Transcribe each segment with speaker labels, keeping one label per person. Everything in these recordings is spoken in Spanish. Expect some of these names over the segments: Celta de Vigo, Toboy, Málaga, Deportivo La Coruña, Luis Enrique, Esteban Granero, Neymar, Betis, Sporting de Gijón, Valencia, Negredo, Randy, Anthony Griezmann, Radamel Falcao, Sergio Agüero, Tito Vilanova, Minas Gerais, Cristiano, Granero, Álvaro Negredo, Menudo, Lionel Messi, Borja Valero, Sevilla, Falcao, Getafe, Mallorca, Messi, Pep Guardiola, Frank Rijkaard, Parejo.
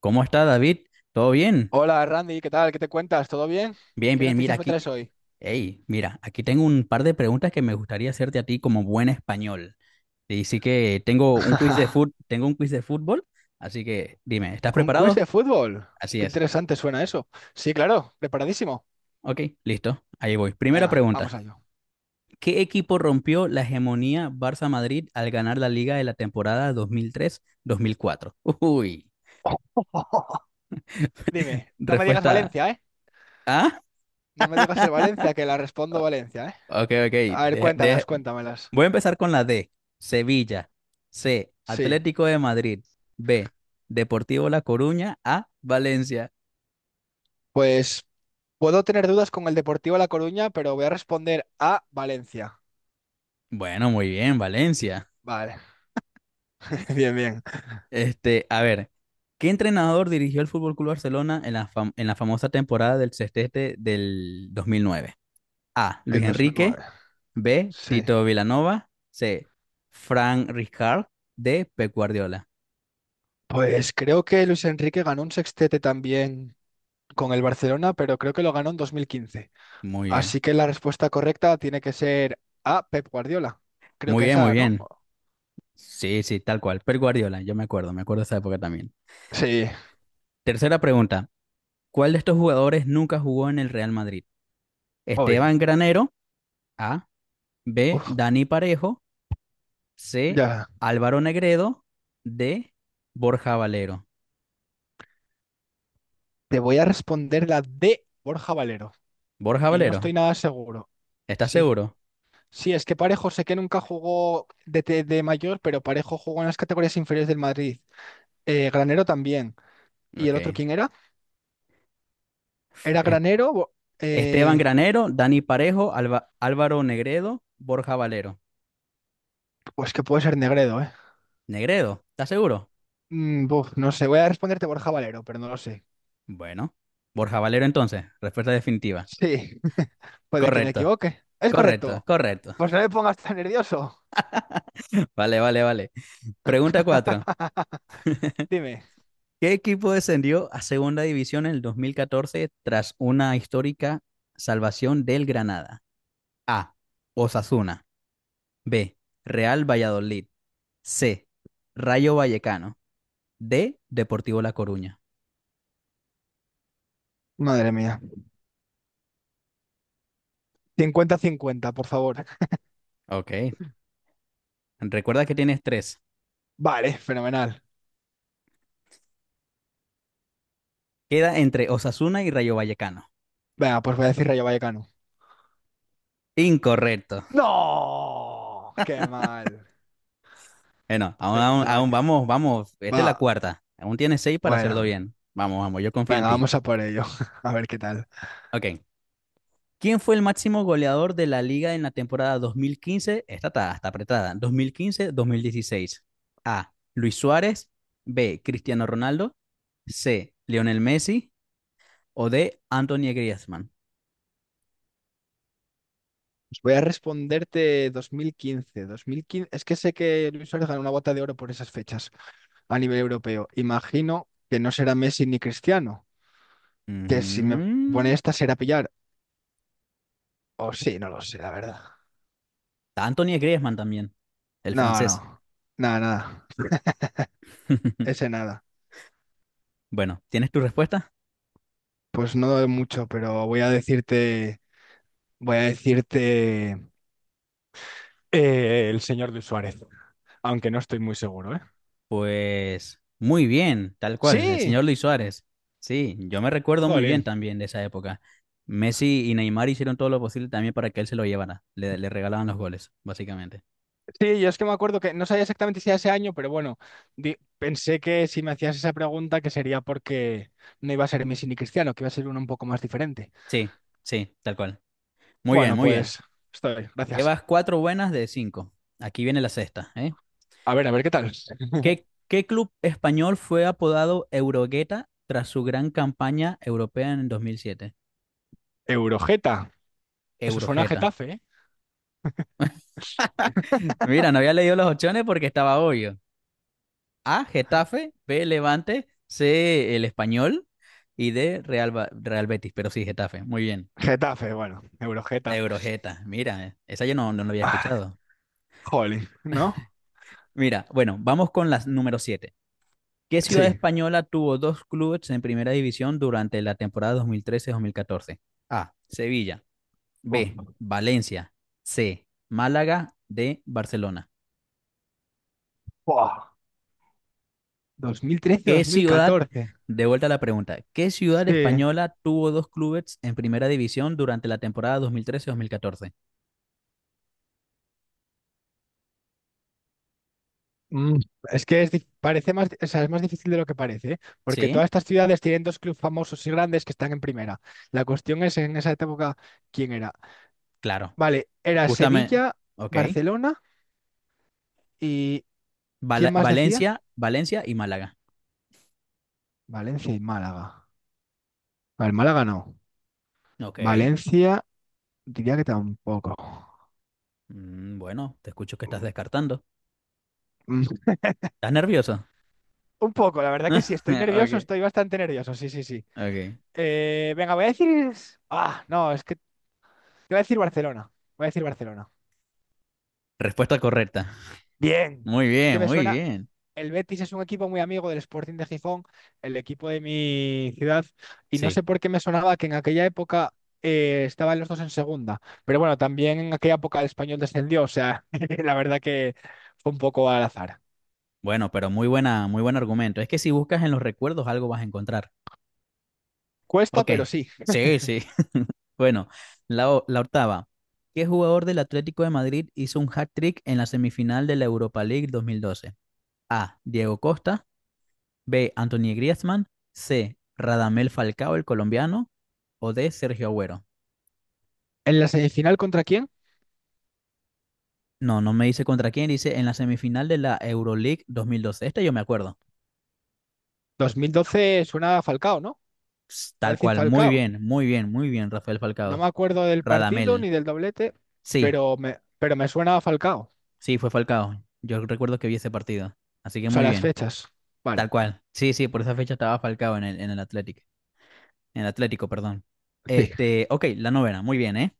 Speaker 1: ¿Cómo está David? ¿Todo bien?
Speaker 2: Hola Randy, ¿qué tal? ¿Qué te cuentas? ¿Todo bien?
Speaker 1: Bien,
Speaker 2: ¿Qué
Speaker 1: bien, mira
Speaker 2: noticias me
Speaker 1: aquí.
Speaker 2: traes hoy?
Speaker 1: Hey, mira, aquí tengo un par de preguntas que me gustaría hacerte a ti como buen español. Y sí que tengo un quiz de fut, tengo un quiz de fútbol, así que dime, ¿estás
Speaker 2: ¿Un quiz
Speaker 1: preparado?
Speaker 2: de fútbol?
Speaker 1: Así
Speaker 2: Qué
Speaker 1: es.
Speaker 2: interesante suena eso. Sí, claro, preparadísimo.
Speaker 1: Ok, listo. Ahí voy. Primera
Speaker 2: Venga, vamos
Speaker 1: pregunta.
Speaker 2: allá.
Speaker 1: ¿Qué equipo rompió la hegemonía Barça-Madrid al ganar la liga de la temporada dos mil tres mil cuatro? Uy,
Speaker 2: Dime, no me digas
Speaker 1: respuesta
Speaker 2: Valencia, ¿eh?
Speaker 1: A.
Speaker 2: No me digas el Valencia, que la respondo Valencia, ¿eh?
Speaker 1: Ok, ok.
Speaker 2: A ver,
Speaker 1: de-
Speaker 2: cuéntamelas,
Speaker 1: de-
Speaker 2: cuéntamelas.
Speaker 1: Voy a empezar con la D, Sevilla. C,
Speaker 2: Sí,
Speaker 1: Atlético de Madrid. B, Deportivo La Coruña. A, Valencia.
Speaker 2: pues puedo tener dudas con el Deportivo La Coruña, pero voy a responder a Valencia.
Speaker 1: Bueno, muy bien, Valencia.
Speaker 2: Vale, bien, bien.
Speaker 1: Este, a ver, ¿qué entrenador dirigió el Fútbol Club Barcelona en la famosa temporada del sextete del 2009? A, Luis
Speaker 2: Del
Speaker 1: Enrique.
Speaker 2: 2009.
Speaker 1: B,
Speaker 2: Sí.
Speaker 1: Tito Vilanova. C, Frank Rijkaard. D, Pep Guardiola.
Speaker 2: Pues creo que Luis Enrique ganó un sextete también con el Barcelona, pero creo que lo ganó en 2015.
Speaker 1: Muy bien,
Speaker 2: Así que la respuesta correcta tiene que ser A, Pep Guardiola. Creo que
Speaker 1: muy
Speaker 2: es
Speaker 1: bien, muy
Speaker 2: A, ¿no?
Speaker 1: bien. Sí, sí, tal cual. Pep Guardiola, yo me acuerdo de esa época también.
Speaker 2: Sí,
Speaker 1: Tercera pregunta. ¿Cuál de estos jugadores nunca jugó en el Real Madrid?
Speaker 2: hoy.
Speaker 1: Esteban Granero, A. B.
Speaker 2: Uf,
Speaker 1: Dani Parejo, C.
Speaker 2: ya.
Speaker 1: Álvaro Negredo, D. Borja Valero.
Speaker 2: Te voy a responder la D, Borja Valero.
Speaker 1: Borja
Speaker 2: Y no estoy
Speaker 1: Valero,
Speaker 2: nada seguro.
Speaker 1: ¿estás
Speaker 2: Sí.
Speaker 1: seguro?
Speaker 2: Sí, es que Parejo sé que nunca jugó de mayor, pero Parejo jugó en las categorías inferiores del Madrid. Granero también. ¿Y el otro
Speaker 1: Ok.
Speaker 2: quién era? ¿Era
Speaker 1: Es-
Speaker 2: Granero?
Speaker 1: Esteban
Speaker 2: Eh,
Speaker 1: Granero, Dani Parejo, Álvaro Negredo, Borja Valero.
Speaker 2: pues que puede ser Negredo, ¿eh?
Speaker 1: Negredo, ¿estás seguro?
Speaker 2: Buf, no sé, voy a responderte Borja Valero, pero no lo sé.
Speaker 1: Bueno, Borja Valero entonces, respuesta definitiva.
Speaker 2: Sí, puede que me
Speaker 1: Correcto,
Speaker 2: equivoque. Es
Speaker 1: correcto,
Speaker 2: correcto.
Speaker 1: correcto.
Speaker 2: Pues no me pongas tan nervioso.
Speaker 1: Vale, vale, vale. Pregunta 4.
Speaker 2: Dime.
Speaker 1: ¿Qué equipo descendió a segunda división en el 2014 tras una histórica salvación del Granada? A. Osasuna. B. Real Valladolid. C. Rayo Vallecano. D. Deportivo La Coruña.
Speaker 2: Madre mía. Cincuenta-cincuenta, por favor.
Speaker 1: Ok. Recuerda que tienes tres.
Speaker 2: Vale, fenomenal.
Speaker 1: Queda entre Osasuna y Rayo Vallecano.
Speaker 2: Venga, pues voy a decir Rayo Vallecano.
Speaker 1: Incorrecto.
Speaker 2: ¡No! ¡Qué mal!
Speaker 1: Bueno, aún, aún,
Speaker 2: Pensaba
Speaker 1: aún
Speaker 2: que...
Speaker 1: vamos, vamos. Esta es la
Speaker 2: Va,
Speaker 1: cuarta. Aún tienes seis para hacerlo
Speaker 2: bueno.
Speaker 1: bien. Vamos, vamos, yo confío en
Speaker 2: Venga,
Speaker 1: ti.
Speaker 2: vamos a por ello. A ver qué tal.
Speaker 1: Ok. ¿Quién fue el máximo goleador de la liga en la temporada 2015? Esta está apretada. 2015-2016. A. Luis Suárez. B. Cristiano Ronaldo. C. Lionel Messi. O D. Anthony Griezmann.
Speaker 2: Pues voy a responderte dos mil quince. Es que sé que Luis Suárez ganó una bota de oro por esas fechas a nivel europeo. Imagino que no será Messi ni Cristiano. Que si me
Speaker 1: Ujú.
Speaker 2: pone esta será pillar. O sí, no lo sé, la verdad.
Speaker 1: Anthony Griezmann también, el
Speaker 2: No,
Speaker 1: francés.
Speaker 2: no. Nada, nada. Ese nada.
Speaker 1: Bueno, ¿tienes tu respuesta?
Speaker 2: Pues no doy mucho, pero voy a decirte. Voy a decirte el señor de Suárez. Aunque no estoy muy seguro, ¿eh?
Speaker 1: Pues muy bien, tal cual, el
Speaker 2: ¡Sí!
Speaker 1: señor Luis Suárez. Sí, yo me recuerdo muy bien
Speaker 2: Jolín.
Speaker 1: también de esa época. Messi y Neymar hicieron todo lo posible también para que él se lo llevara. Le regalaban los goles, básicamente.
Speaker 2: Sí, yo es que me acuerdo que no sabía exactamente si era ese año, pero bueno, pensé que si me hacías esa pregunta que sería porque no iba a ser Messi ni Cristiano, que iba a ser uno un poco más diferente.
Speaker 1: Sí, sí, tal cual. Muy bien,
Speaker 2: Bueno,
Speaker 1: muy bien.
Speaker 2: pues estoy, gracias.
Speaker 1: Llevas cuatro buenas de cinco. Aquí viene la sexta, ¿eh?
Speaker 2: A ver qué tal.
Speaker 1: ¿Qué club español fue apodado Eurogueta tras su gran campaña europea en 2007?
Speaker 2: Eurojeta. Eso suena a
Speaker 1: Eurogeta.
Speaker 2: Getafe, ¿eh?
Speaker 1: Mira, no había leído las opciones porque estaba obvio. A, Getafe, B, Levante, C, el Español y D, Real, Real Betis, pero sí, Getafe, muy bien.
Speaker 2: Getafe, bueno,
Speaker 1: La
Speaker 2: Eurogeta.
Speaker 1: Eurojeta, mira, esa yo no la había
Speaker 2: Ah,
Speaker 1: escuchado.
Speaker 2: jolín, ¿no?
Speaker 1: Mira, bueno, vamos con las número 7. ¿Qué ciudad
Speaker 2: Sí.
Speaker 1: española tuvo dos clubes en primera división durante la temporada 2013-2014? A, Sevilla,
Speaker 2: Uf,
Speaker 1: B, Valencia, C, Málaga, D, Barcelona.
Speaker 2: buah, dos mil
Speaker 1: ¿Qué ciudad,
Speaker 2: 2014.
Speaker 1: de vuelta a la pregunta, ¿qué ciudad
Speaker 2: Sí.
Speaker 1: española tuvo dos clubes en primera división durante la temporada dos dos mil trece mil catorce?
Speaker 2: Mm, es que es parece más, o sea, es más difícil de lo que parece, ¿eh? Porque todas
Speaker 1: Sí,
Speaker 2: estas ciudades tienen dos clubes famosos y grandes que están en primera. La cuestión es en esa época, ¿quién era?
Speaker 1: claro.
Speaker 2: Vale, era
Speaker 1: Justamente,
Speaker 2: Sevilla,
Speaker 1: ok.
Speaker 2: Barcelona y ¿quién más decía?
Speaker 1: Valencia, Valencia y Málaga.
Speaker 2: Valencia y Málaga. Vale, Málaga no.
Speaker 1: Ok.
Speaker 2: Valencia, diría que tampoco.
Speaker 1: Mm, bueno, te escucho que estás descartando.
Speaker 2: Mm,
Speaker 1: ¿Estás nervioso?
Speaker 2: Un poco, la verdad que sí, estoy nervioso,
Speaker 1: Ok,
Speaker 2: estoy bastante nervioso, sí, sí, sí.
Speaker 1: ok.
Speaker 2: Venga, voy a decir... Ah, no, es que te voy a decir Barcelona, voy a decir Barcelona.
Speaker 1: Respuesta correcta.
Speaker 2: Bien,
Speaker 1: Muy
Speaker 2: es que
Speaker 1: bien,
Speaker 2: me
Speaker 1: muy
Speaker 2: suena,
Speaker 1: bien.
Speaker 2: el Betis es un equipo muy amigo del Sporting de Gijón, el equipo de mi ciudad, y no sé
Speaker 1: Sí.
Speaker 2: por qué me sonaba que en aquella época estaban los dos en segunda, pero bueno, también en aquella época el Español descendió, o sea, la verdad que fue un poco al azar.
Speaker 1: Bueno, pero muy buena, muy buen argumento. Es que si buscas en los recuerdos algo vas a encontrar.
Speaker 2: Cuesta,
Speaker 1: Ok,
Speaker 2: pero sí.
Speaker 1: sí, sí. Bueno, la octava. ¿Qué jugador del Atlético de Madrid hizo un hat-trick en la semifinal de la Europa League 2012? A. Diego Costa. B. Anthony Griezmann. C. Radamel Falcao, el colombiano. O D. Sergio Agüero.
Speaker 2: ¿En la semifinal contra quién?
Speaker 1: No, no me dice contra quién, dice en la semifinal de la Euroleague 2012. Este yo me acuerdo.
Speaker 2: 2012 suena a Falcao, ¿no?
Speaker 1: Ps,
Speaker 2: Voy a
Speaker 1: tal
Speaker 2: decir
Speaker 1: cual, muy
Speaker 2: Falcao.
Speaker 1: bien, muy bien, muy bien, Rafael
Speaker 2: No me
Speaker 1: Falcao.
Speaker 2: acuerdo del partido ni
Speaker 1: Radamel.
Speaker 2: del doblete,
Speaker 1: Sí,
Speaker 2: pero me suena a Falcao.
Speaker 1: sí, fue Falcao. Yo recuerdo que vi ese partido. Así que
Speaker 2: O sea,
Speaker 1: muy
Speaker 2: las
Speaker 1: bien.
Speaker 2: fechas. Vale,
Speaker 1: Tal cual. Sí, sí, por esa fecha estaba Falcao en el Athletic. En el Atlético, perdón.
Speaker 2: sí,
Speaker 1: Este, ok, la novena, muy bien, ¿eh?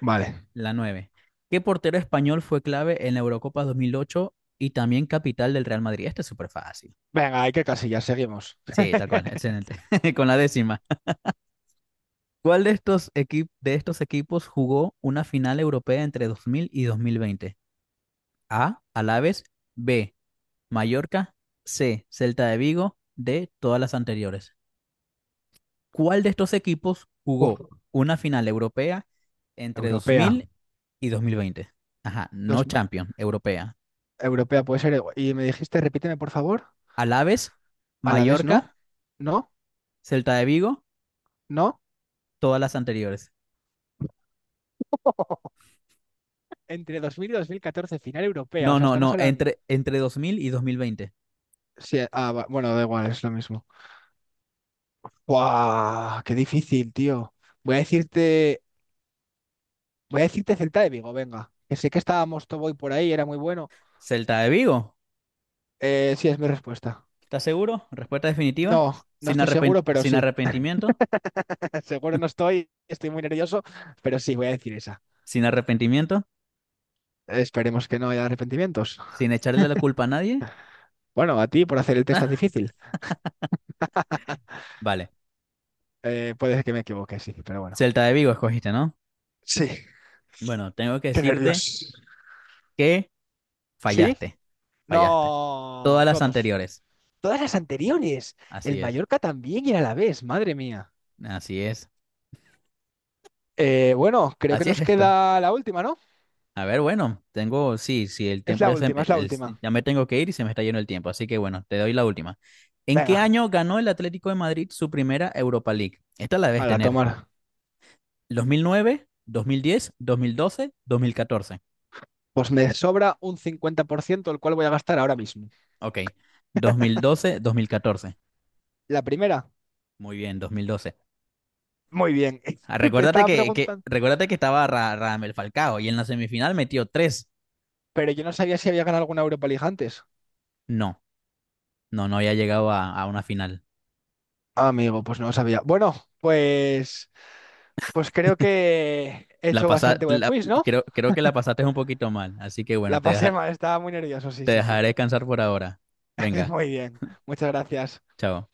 Speaker 2: vale.
Speaker 1: La nueve. ¿Qué portero español fue clave en la Eurocopa 2008 y también capital del Real Madrid? Este es súper fácil.
Speaker 2: Venga, hay que casillas, seguimos.
Speaker 1: Sí, tal cual, excelente. Con la décima. ¿Cuál de estos, equi- ¿De estos equipos jugó una final europea entre 2000 y 2020? A. Alaves. B. Mallorca. C. Celta de Vigo. D. Todas las anteriores. ¿Cuál de estos equipos
Speaker 2: Uf,
Speaker 1: jugó una final europea entre dos
Speaker 2: europea.
Speaker 1: mil y 2020? Ajá,
Speaker 2: Dos,
Speaker 1: no Champions, europea.
Speaker 2: europea puede ser. Y me dijiste, repíteme por favor.
Speaker 1: Alaves,
Speaker 2: A la vez, no,
Speaker 1: Mallorca,
Speaker 2: no,
Speaker 1: Celta de Vigo,
Speaker 2: no.
Speaker 1: todas las anteriores.
Speaker 2: Entre 2000 y 2014 final europea. O
Speaker 1: No,
Speaker 2: sea,
Speaker 1: no,
Speaker 2: estamos
Speaker 1: no,
Speaker 2: hablando.
Speaker 1: entre 2000 y 2020.
Speaker 2: Sí, ah, bueno, da igual, es lo mismo. ¡Guau! ¡Qué difícil, tío! Voy a decirte. Voy a decirte Celta de Vigo, venga. Que sé que estábamos Toboy por ahí, era muy bueno.
Speaker 1: Celta de Vigo,
Speaker 2: Sí, es mi respuesta.
Speaker 1: ¿estás seguro? Respuesta definitiva,
Speaker 2: No, no estoy seguro, pero
Speaker 1: sin
Speaker 2: sí.
Speaker 1: arrepentimiento,
Speaker 2: Seguro no estoy, estoy muy nervioso, pero sí, voy a decir esa.
Speaker 1: sin arrepentimiento,
Speaker 2: Esperemos que no haya arrepentimientos.
Speaker 1: sin echarle la culpa a nadie.
Speaker 2: Bueno, a ti por hacer el test tan difícil.
Speaker 1: Vale,
Speaker 2: Puede que me equivoque, sí, pero bueno.
Speaker 1: Celta de Vigo escogiste, ¿no?
Speaker 2: Sí,
Speaker 1: Bueno, tengo que
Speaker 2: qué
Speaker 1: decirte
Speaker 2: nervios.
Speaker 1: que
Speaker 2: ¿Sí?
Speaker 1: fallaste, fallaste.
Speaker 2: No,
Speaker 1: Todas las
Speaker 2: todos.
Speaker 1: anteriores.
Speaker 2: Todas las anteriores. El
Speaker 1: Así es,
Speaker 2: Mallorca también y el Alavés, madre mía.
Speaker 1: así es,
Speaker 2: Bueno, creo que
Speaker 1: así es
Speaker 2: nos
Speaker 1: esto.
Speaker 2: queda la última, ¿no?
Speaker 1: A ver, bueno, tengo, sí, sí, el
Speaker 2: Es
Speaker 1: tiempo
Speaker 2: la
Speaker 1: ya se,
Speaker 2: última, es la última.
Speaker 1: ya me tengo que ir y se me está yendo el tiempo, así que bueno, te doy la última. ¿En qué
Speaker 2: Venga,
Speaker 1: año ganó el Atlético de Madrid su primera Europa League? Esta la debes
Speaker 2: a la
Speaker 1: tener.
Speaker 2: tomar.
Speaker 1: Dos mil diez, dos mil doce, dos mil nueve diez 2009, dos mil 2014.
Speaker 2: Pues me sobra un 50%, el cual voy a gastar ahora mismo.
Speaker 1: Ok, mil catorce.
Speaker 2: La primera.
Speaker 1: Muy bien, 2012.
Speaker 2: Muy bien.
Speaker 1: Ah,
Speaker 2: Te
Speaker 1: recuérdate
Speaker 2: estaba
Speaker 1: que, que,
Speaker 2: preguntando,
Speaker 1: recuérdate que estaba Radamel Falcao y en la semifinal metió tres.
Speaker 2: pero yo no sabía si había ganado alguna Europa League antes.
Speaker 1: No, no, no había llegado a una final.
Speaker 2: Amigo, pues no lo sabía. Bueno, pues, pues creo que he
Speaker 1: La
Speaker 2: hecho
Speaker 1: pasa,
Speaker 2: bastante buen
Speaker 1: la-
Speaker 2: quiz, ¿no?
Speaker 1: creo, creo que la pasaste un poquito mal, así que bueno,
Speaker 2: La pasé mal, estaba muy nervioso, sí,
Speaker 1: te
Speaker 2: sí, sí.
Speaker 1: dejaré descansar por ahora. Venga,
Speaker 2: Muy bien, muchas gracias.
Speaker 1: chao.